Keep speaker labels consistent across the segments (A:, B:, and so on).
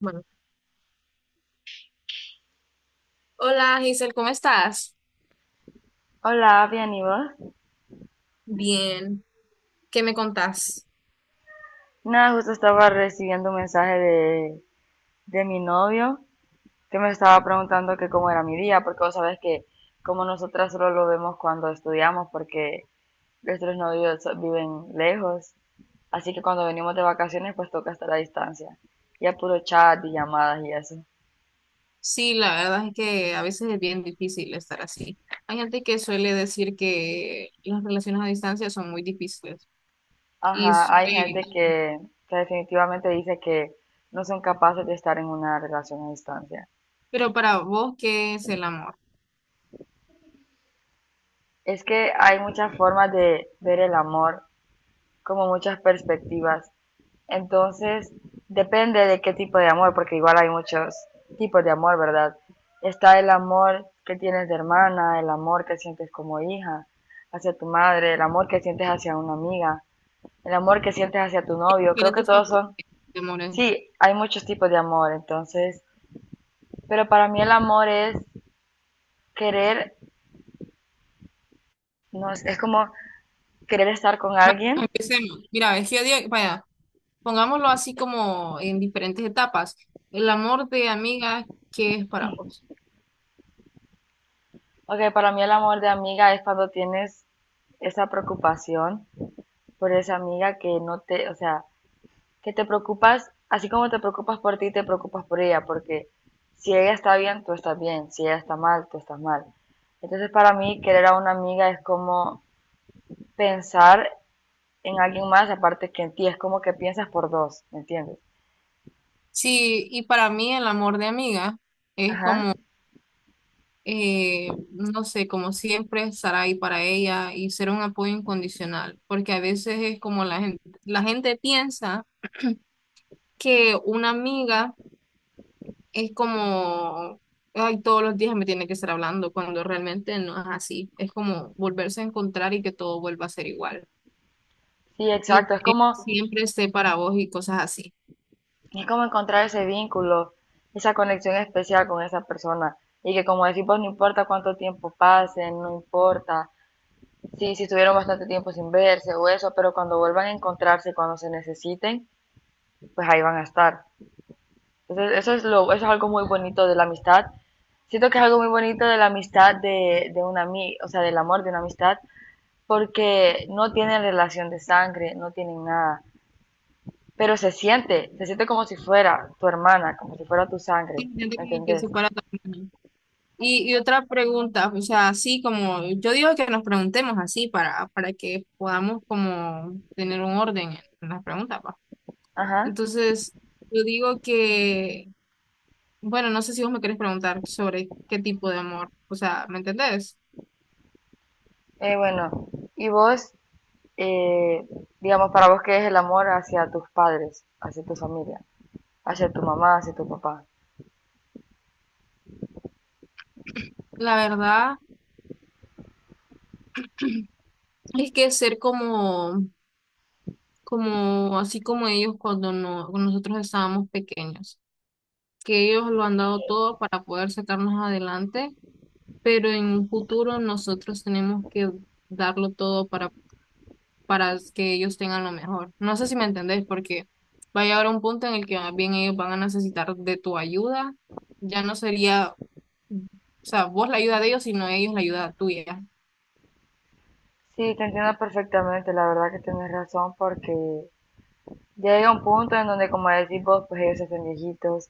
A: Bueno, hola Giselle, ¿cómo estás?
B: Hola, bien, ¿y vos?
A: Bien, ¿qué me contás?
B: Nada, justo estaba recibiendo un mensaje de mi novio que me estaba preguntando que cómo era mi día, porque vos sabés que como nosotras solo lo vemos cuando estudiamos, porque nuestros novios viven lejos, así que cuando venimos de vacaciones pues toca estar a distancia, y a puro chat y llamadas y eso.
A: Sí, la verdad es que a veces es bien difícil estar así. Hay gente que suele decir que las relaciones a distancia son muy difíciles. Y, s-
B: Ajá, hay
A: eh,
B: gente que definitivamente dice que no son capaces de estar en una relación a distancia.
A: pero para vos, ¿qué es el amor?
B: Es que hay muchas formas de ver el amor, como muchas perspectivas. Entonces, depende de qué tipo de amor, porque igual hay muchos tipos de amor, ¿verdad? Está el amor que tienes de hermana, el amor que sientes como hija hacia tu madre, el amor que sientes hacia una amiga, el amor que sientes hacia tu
A: ¿Qué
B: novio. Creo que
A: es
B: todos
A: tipo
B: son,
A: de amor?
B: sí, hay muchos tipos de amor, entonces, pero para mí el amor es querer, no, es como querer estar con
A: Vamos,
B: alguien.
A: empecemos. Mira, es que vaya, pongámoslo así como en diferentes etapas. El amor de amiga, ¿qué es para vos?
B: Ok, para mí el amor de amiga es cuando tienes esa preocupación por esa amiga que no te, o sea, que te preocupas, así como te preocupas por ti, te preocupas por ella, porque si ella está bien, tú estás bien, si ella está mal, tú estás mal. Entonces para mí querer a una amiga es como pensar en alguien más aparte que en ti, es como que piensas por dos, ¿me entiendes?
A: Sí, y para mí el amor de amiga es
B: Ajá.
A: como no sé, como siempre, estar ahí para ella y ser un apoyo incondicional, porque a veces es como la gente piensa que una amiga es como, ay, todos los días me tiene que estar hablando, cuando realmente no es así. Es como volverse a encontrar y que todo vuelva a ser igual,
B: Sí,
A: y
B: exacto,
A: que siempre esté para vos y cosas así.
B: es como encontrar ese vínculo, esa conexión especial con esa persona y que, como decimos, no importa cuánto tiempo pase, no importa. Sí, si estuvieron bastante tiempo sin verse o eso, pero cuando vuelvan a encontrarse, cuando se necesiten, pues ahí van a estar. Entonces, eso es lo, eso es algo muy bonito de la amistad. Siento que es algo muy bonito de la amistad de una ami- o sea, del amor de una amistad, porque no tienen relación de sangre, no tienen nada, pero se siente como si fuera tu hermana, como si fuera tu sangre,
A: Sí, gente
B: ¿me
A: como que
B: entendés?
A: se para también. Y otra pregunta, o sea, así como yo digo que nos preguntemos así para que podamos como tener un orden en las preguntas, pa.
B: Ajá.
A: Entonces, yo digo que, bueno, no sé si vos me querés preguntar sobre qué tipo de amor, o sea, ¿me entendés?
B: Bueno, y vos, eh, digamos, para vos, ¿qué es el amor hacia tus padres, hacia tu familia? ¿Hacia tu mamá, hacia tu papá?
A: La verdad es que ser como, como, así como ellos cuando no, cuando nosotros estábamos pequeños, que ellos lo han dado todo para poder sacarnos adelante, pero en un futuro nosotros tenemos que darlo todo para que ellos tengan lo mejor. No sé si me entendés, porque va a llegar un punto en el que más bien ellos van a necesitar de tu ayuda. Ya no sería, o sea, vos la ayuda de ellos, sino ellos la ayuda tuya.
B: Sí, te entiendo perfectamente, la verdad que tienes razón porque ya llega un punto en donde, como decís vos, pues ellos se hacen viejitos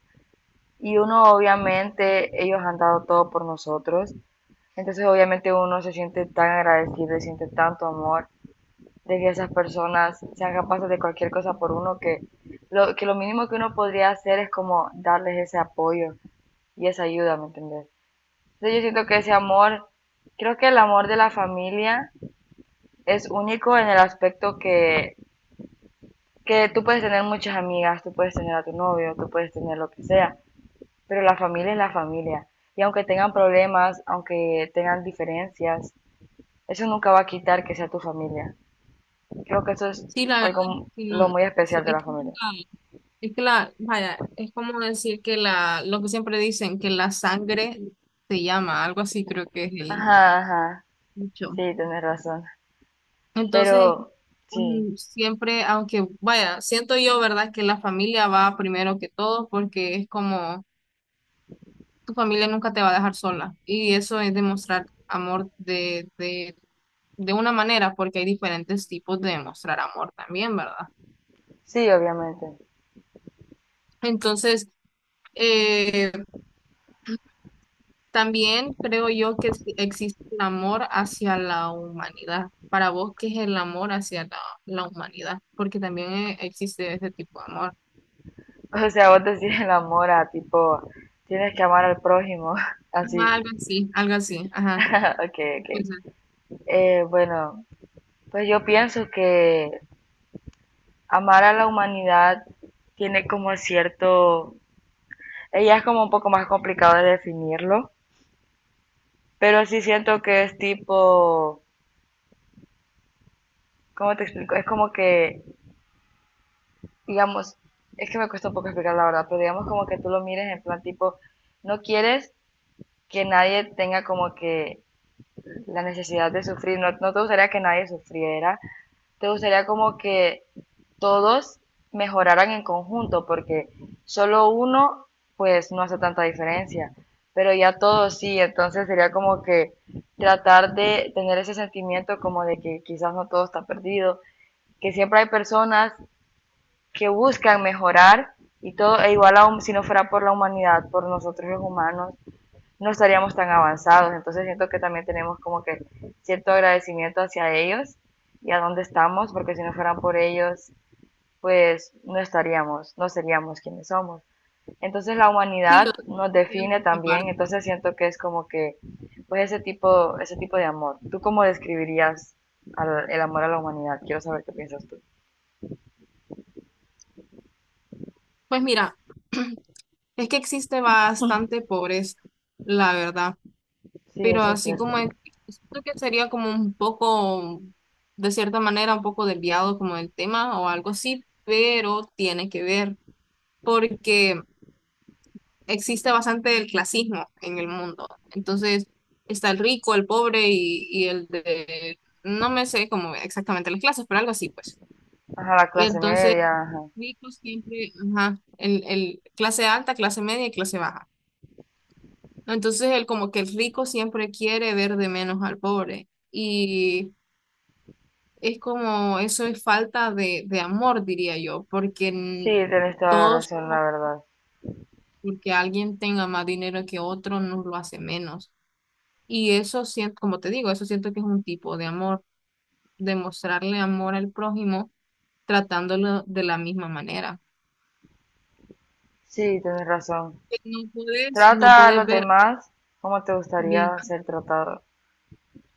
B: y uno obviamente, ellos han dado todo por nosotros, entonces obviamente uno se siente tan agradecido y siente tanto amor de que esas personas sean capaces de cualquier cosa por uno que lo mínimo que uno podría hacer es como darles ese apoyo y esa ayuda, ¿me entendés? Entonces yo siento que ese amor, creo que el amor de la familia es único en el aspecto que tú puedes tener muchas amigas, tú puedes tener a tu novio, tú puedes tener lo que sea, pero la familia es la familia. Y aunque tengan problemas, aunque tengan diferencias, eso nunca va a quitar que sea tu familia. Creo que eso es
A: Sí, la verdad,
B: algo
A: sí, no,
B: lo muy
A: eso,
B: especial de
A: es
B: la
A: que
B: familia.
A: nunca, es que la, vaya, es como decir que la, lo que siempre dicen, que la sangre se llama, algo así creo que es el
B: Ajá, ajá.
A: dicho.
B: Sí, tienes razón.
A: Entonces,
B: Pero sí,
A: Siempre, aunque vaya, siento yo, ¿verdad? Que la familia va primero que todo, porque es como tu familia nunca te va a dejar sola y eso es demostrar amor de una manera, porque hay diferentes tipos de demostrar amor también, ¿verdad?
B: sí, obviamente.
A: Entonces, eh, también creo yo que sí existe el amor hacia la humanidad. Para vos, ¿qué es el amor hacia la humanidad? Porque también existe ese tipo de amor.
B: O sea, vos decís el amor a tipo, tienes que amar al prójimo, así.
A: Ajá, algo así, algo así, ajá.
B: Ok, ok. Bueno, pues yo pienso que amar a la humanidad tiene como cierto, ella es como un poco más complicado de definirlo, pero sí siento que es tipo, ¿cómo te explico? Es como que, digamos, es que me cuesta un poco explicar la verdad, pero digamos como que tú lo mires en plan tipo, no quieres que nadie tenga como que la necesidad de sufrir, no, no te gustaría que nadie sufriera, te gustaría como que todos mejoraran en conjunto, porque solo uno pues no hace tanta diferencia, pero ya todos sí, entonces sería como que tratar de tener ese sentimiento como de que quizás no todo está perdido, que siempre hay personas que buscan mejorar y todo, e igual aún si no fuera por la humanidad, por nosotros los humanos, no estaríamos tan avanzados. Entonces siento que también tenemos como que cierto agradecimiento hacia ellos y a dónde estamos, porque si no fueran por ellos, pues no estaríamos, no seríamos quienes somos. Entonces la
A: Sí, yo
B: humanidad nos
A: también
B: define
A: por
B: también,
A: parte.
B: entonces siento que es como que, pues ese tipo de amor. ¿Tú cómo describirías al- el amor a la humanidad? Quiero saber qué piensas tú.
A: Pues mira, es que existe bastante pobreza, la verdad,
B: Sí,
A: pero
B: eso es
A: así como
B: cierto.
A: siento que sería como un poco, de cierta manera, un poco desviado como el tema o algo así, pero tiene que ver, porque existe bastante el clasismo en el mundo. Entonces, está el rico, el pobre y el de, no me sé como exactamente las clases, pero algo así, pues.
B: Ajá, la clase
A: Entonces
B: media, ajá.
A: ricos siempre, ajá, el clase alta, clase media y clase baja. ¿No? Entonces, el como que el rico siempre quiere ver de menos al pobre. Y es como, eso es falta de amor, diría yo, porque
B: Sí, tenés toda la
A: todos,
B: razón, la verdad.
A: porque alguien tenga más dinero que otro, nos lo hace menos. Y eso siento, como te digo, eso siento que es un tipo de amor, demostrarle amor al prójimo tratándolo de la misma manera.
B: Sí, tenés razón.
A: No puedes, no
B: Trata a
A: puedes
B: los
A: ver
B: demás como te
A: bien.
B: gustaría ser tratado.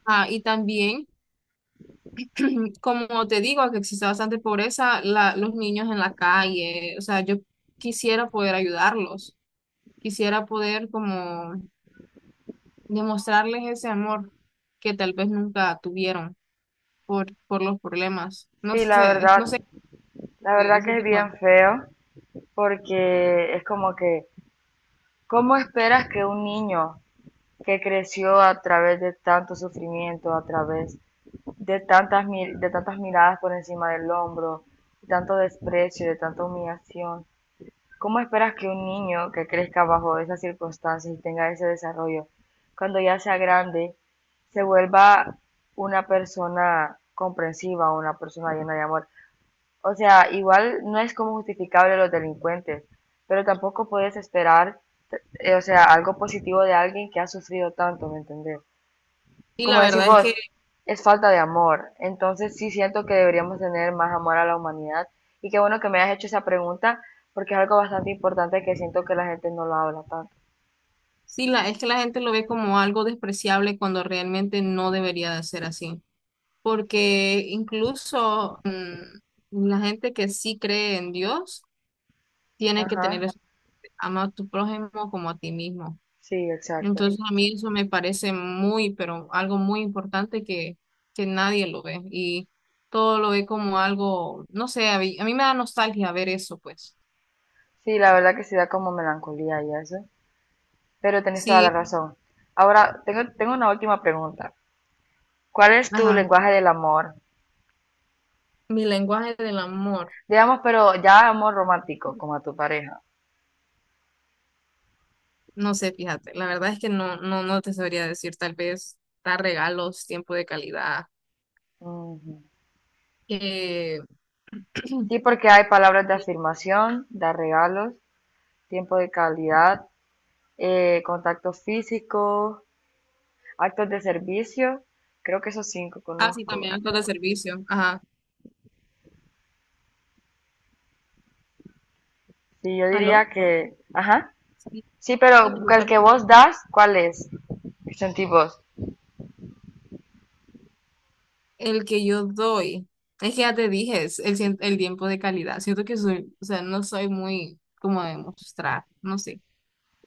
A: Ah, y también como te digo, que existe bastante pobreza, los niños en la calle, o sea, yo quisiera poder ayudarlos, quisiera poder como demostrarles ese amor que tal vez nunca tuvieron por los problemas. No
B: Sí,
A: sé, no sé,
B: la verdad
A: ese
B: que es
A: tipo de...
B: bien feo porque es como que, ¿cómo esperas que un niño que creció a través de tanto sufrimiento, a través de tantas, de tantas miradas por encima del hombro, de tanto desprecio, de tanta humillación, cómo esperas que un niño que crezca bajo esas circunstancias y tenga ese desarrollo, cuando ya sea grande, se vuelva una persona comprensiva, una persona llena de amor? O sea, igual no es como justificable los delincuentes, pero tampoco puedes esperar, o sea, algo positivo de alguien que ha sufrido tanto, ¿me entendés?
A: Sí, la
B: Como decís
A: verdad es
B: vos,
A: que
B: es falta de amor. Entonces sí siento que deberíamos tener más amor a la humanidad. Y qué bueno que me hayas hecho esa pregunta, porque es algo bastante importante que siento que la gente no lo habla tanto.
A: sí, la, es que la gente lo ve como algo despreciable cuando realmente no debería de ser así, porque incluso la gente que sí cree en Dios tiene que
B: Ajá,
A: tener: ama a tu prójimo como a ti mismo.
B: sí, exacto.
A: Entonces a mí eso me parece muy, pero algo muy importante que nadie lo ve y todo lo ve como algo, no sé, a mí me da nostalgia ver eso, pues.
B: Sí, la verdad que sí da como melancolía y eso, pero tenés toda la
A: Sí,
B: razón. Ahora, tengo una última pregunta. ¿Cuál es tu
A: ajá,
B: lenguaje del amor?
A: mi lenguaje del amor,
B: Digamos, pero ya amor romántico, como a tu pareja.
A: no sé, fíjate, la verdad es que no, no, no te sabría decir, tal vez dar regalos, tiempo de calidad,
B: Ujú.
A: que,
B: Sí, porque hay palabras de afirmación, dar regalos, tiempo de calidad, contacto físico, actos de servicio. Creo que esos cinco
A: ah, sí,
B: conozco.
A: también actos de servicio, ajá,
B: Sí, yo
A: ¿aló?
B: diría que, ajá.
A: Sí,
B: Sí,
A: sí, ¿me
B: pero el
A: escuchas
B: que
A: bien?
B: vos das, ¿cuál es? Sentí vos.
A: El que yo doy, es que ya te dije, es el, el tiempo de calidad. Siento que soy, o sea, no soy muy como de mostrar, no sé.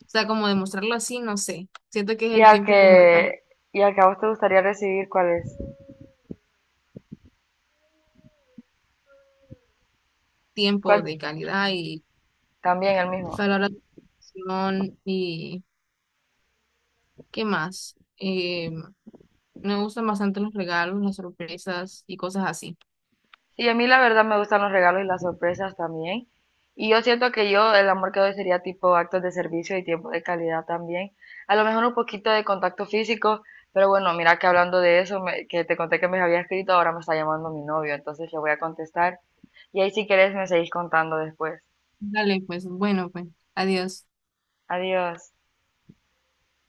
A: O sea, como demostrarlo así, no sé. Siento que es
B: Y
A: el
B: al
A: tiempo como de calidad,
B: que, ¿Y al que a vos te gustaría recibir, cuál es?
A: tiempo
B: ¿Cuál?
A: de calidad y
B: También el mismo.
A: palabras de afirmación y ¿qué más? Me gustan bastante los regalos, las sorpresas y cosas así.
B: Sí, a mí la verdad me gustan los regalos y las sorpresas también. Y yo siento que yo el amor que doy sería tipo actos de servicio y tiempo de calidad también. A lo mejor un poquito de contacto físico, pero bueno, mira que hablando de eso, me- que te conté que me había escrito, ahora me está llamando mi novio, entonces le voy a contestar. Y ahí si querés me seguís contando después.
A: Dale, pues, bueno, pues, adiós.
B: Adiós.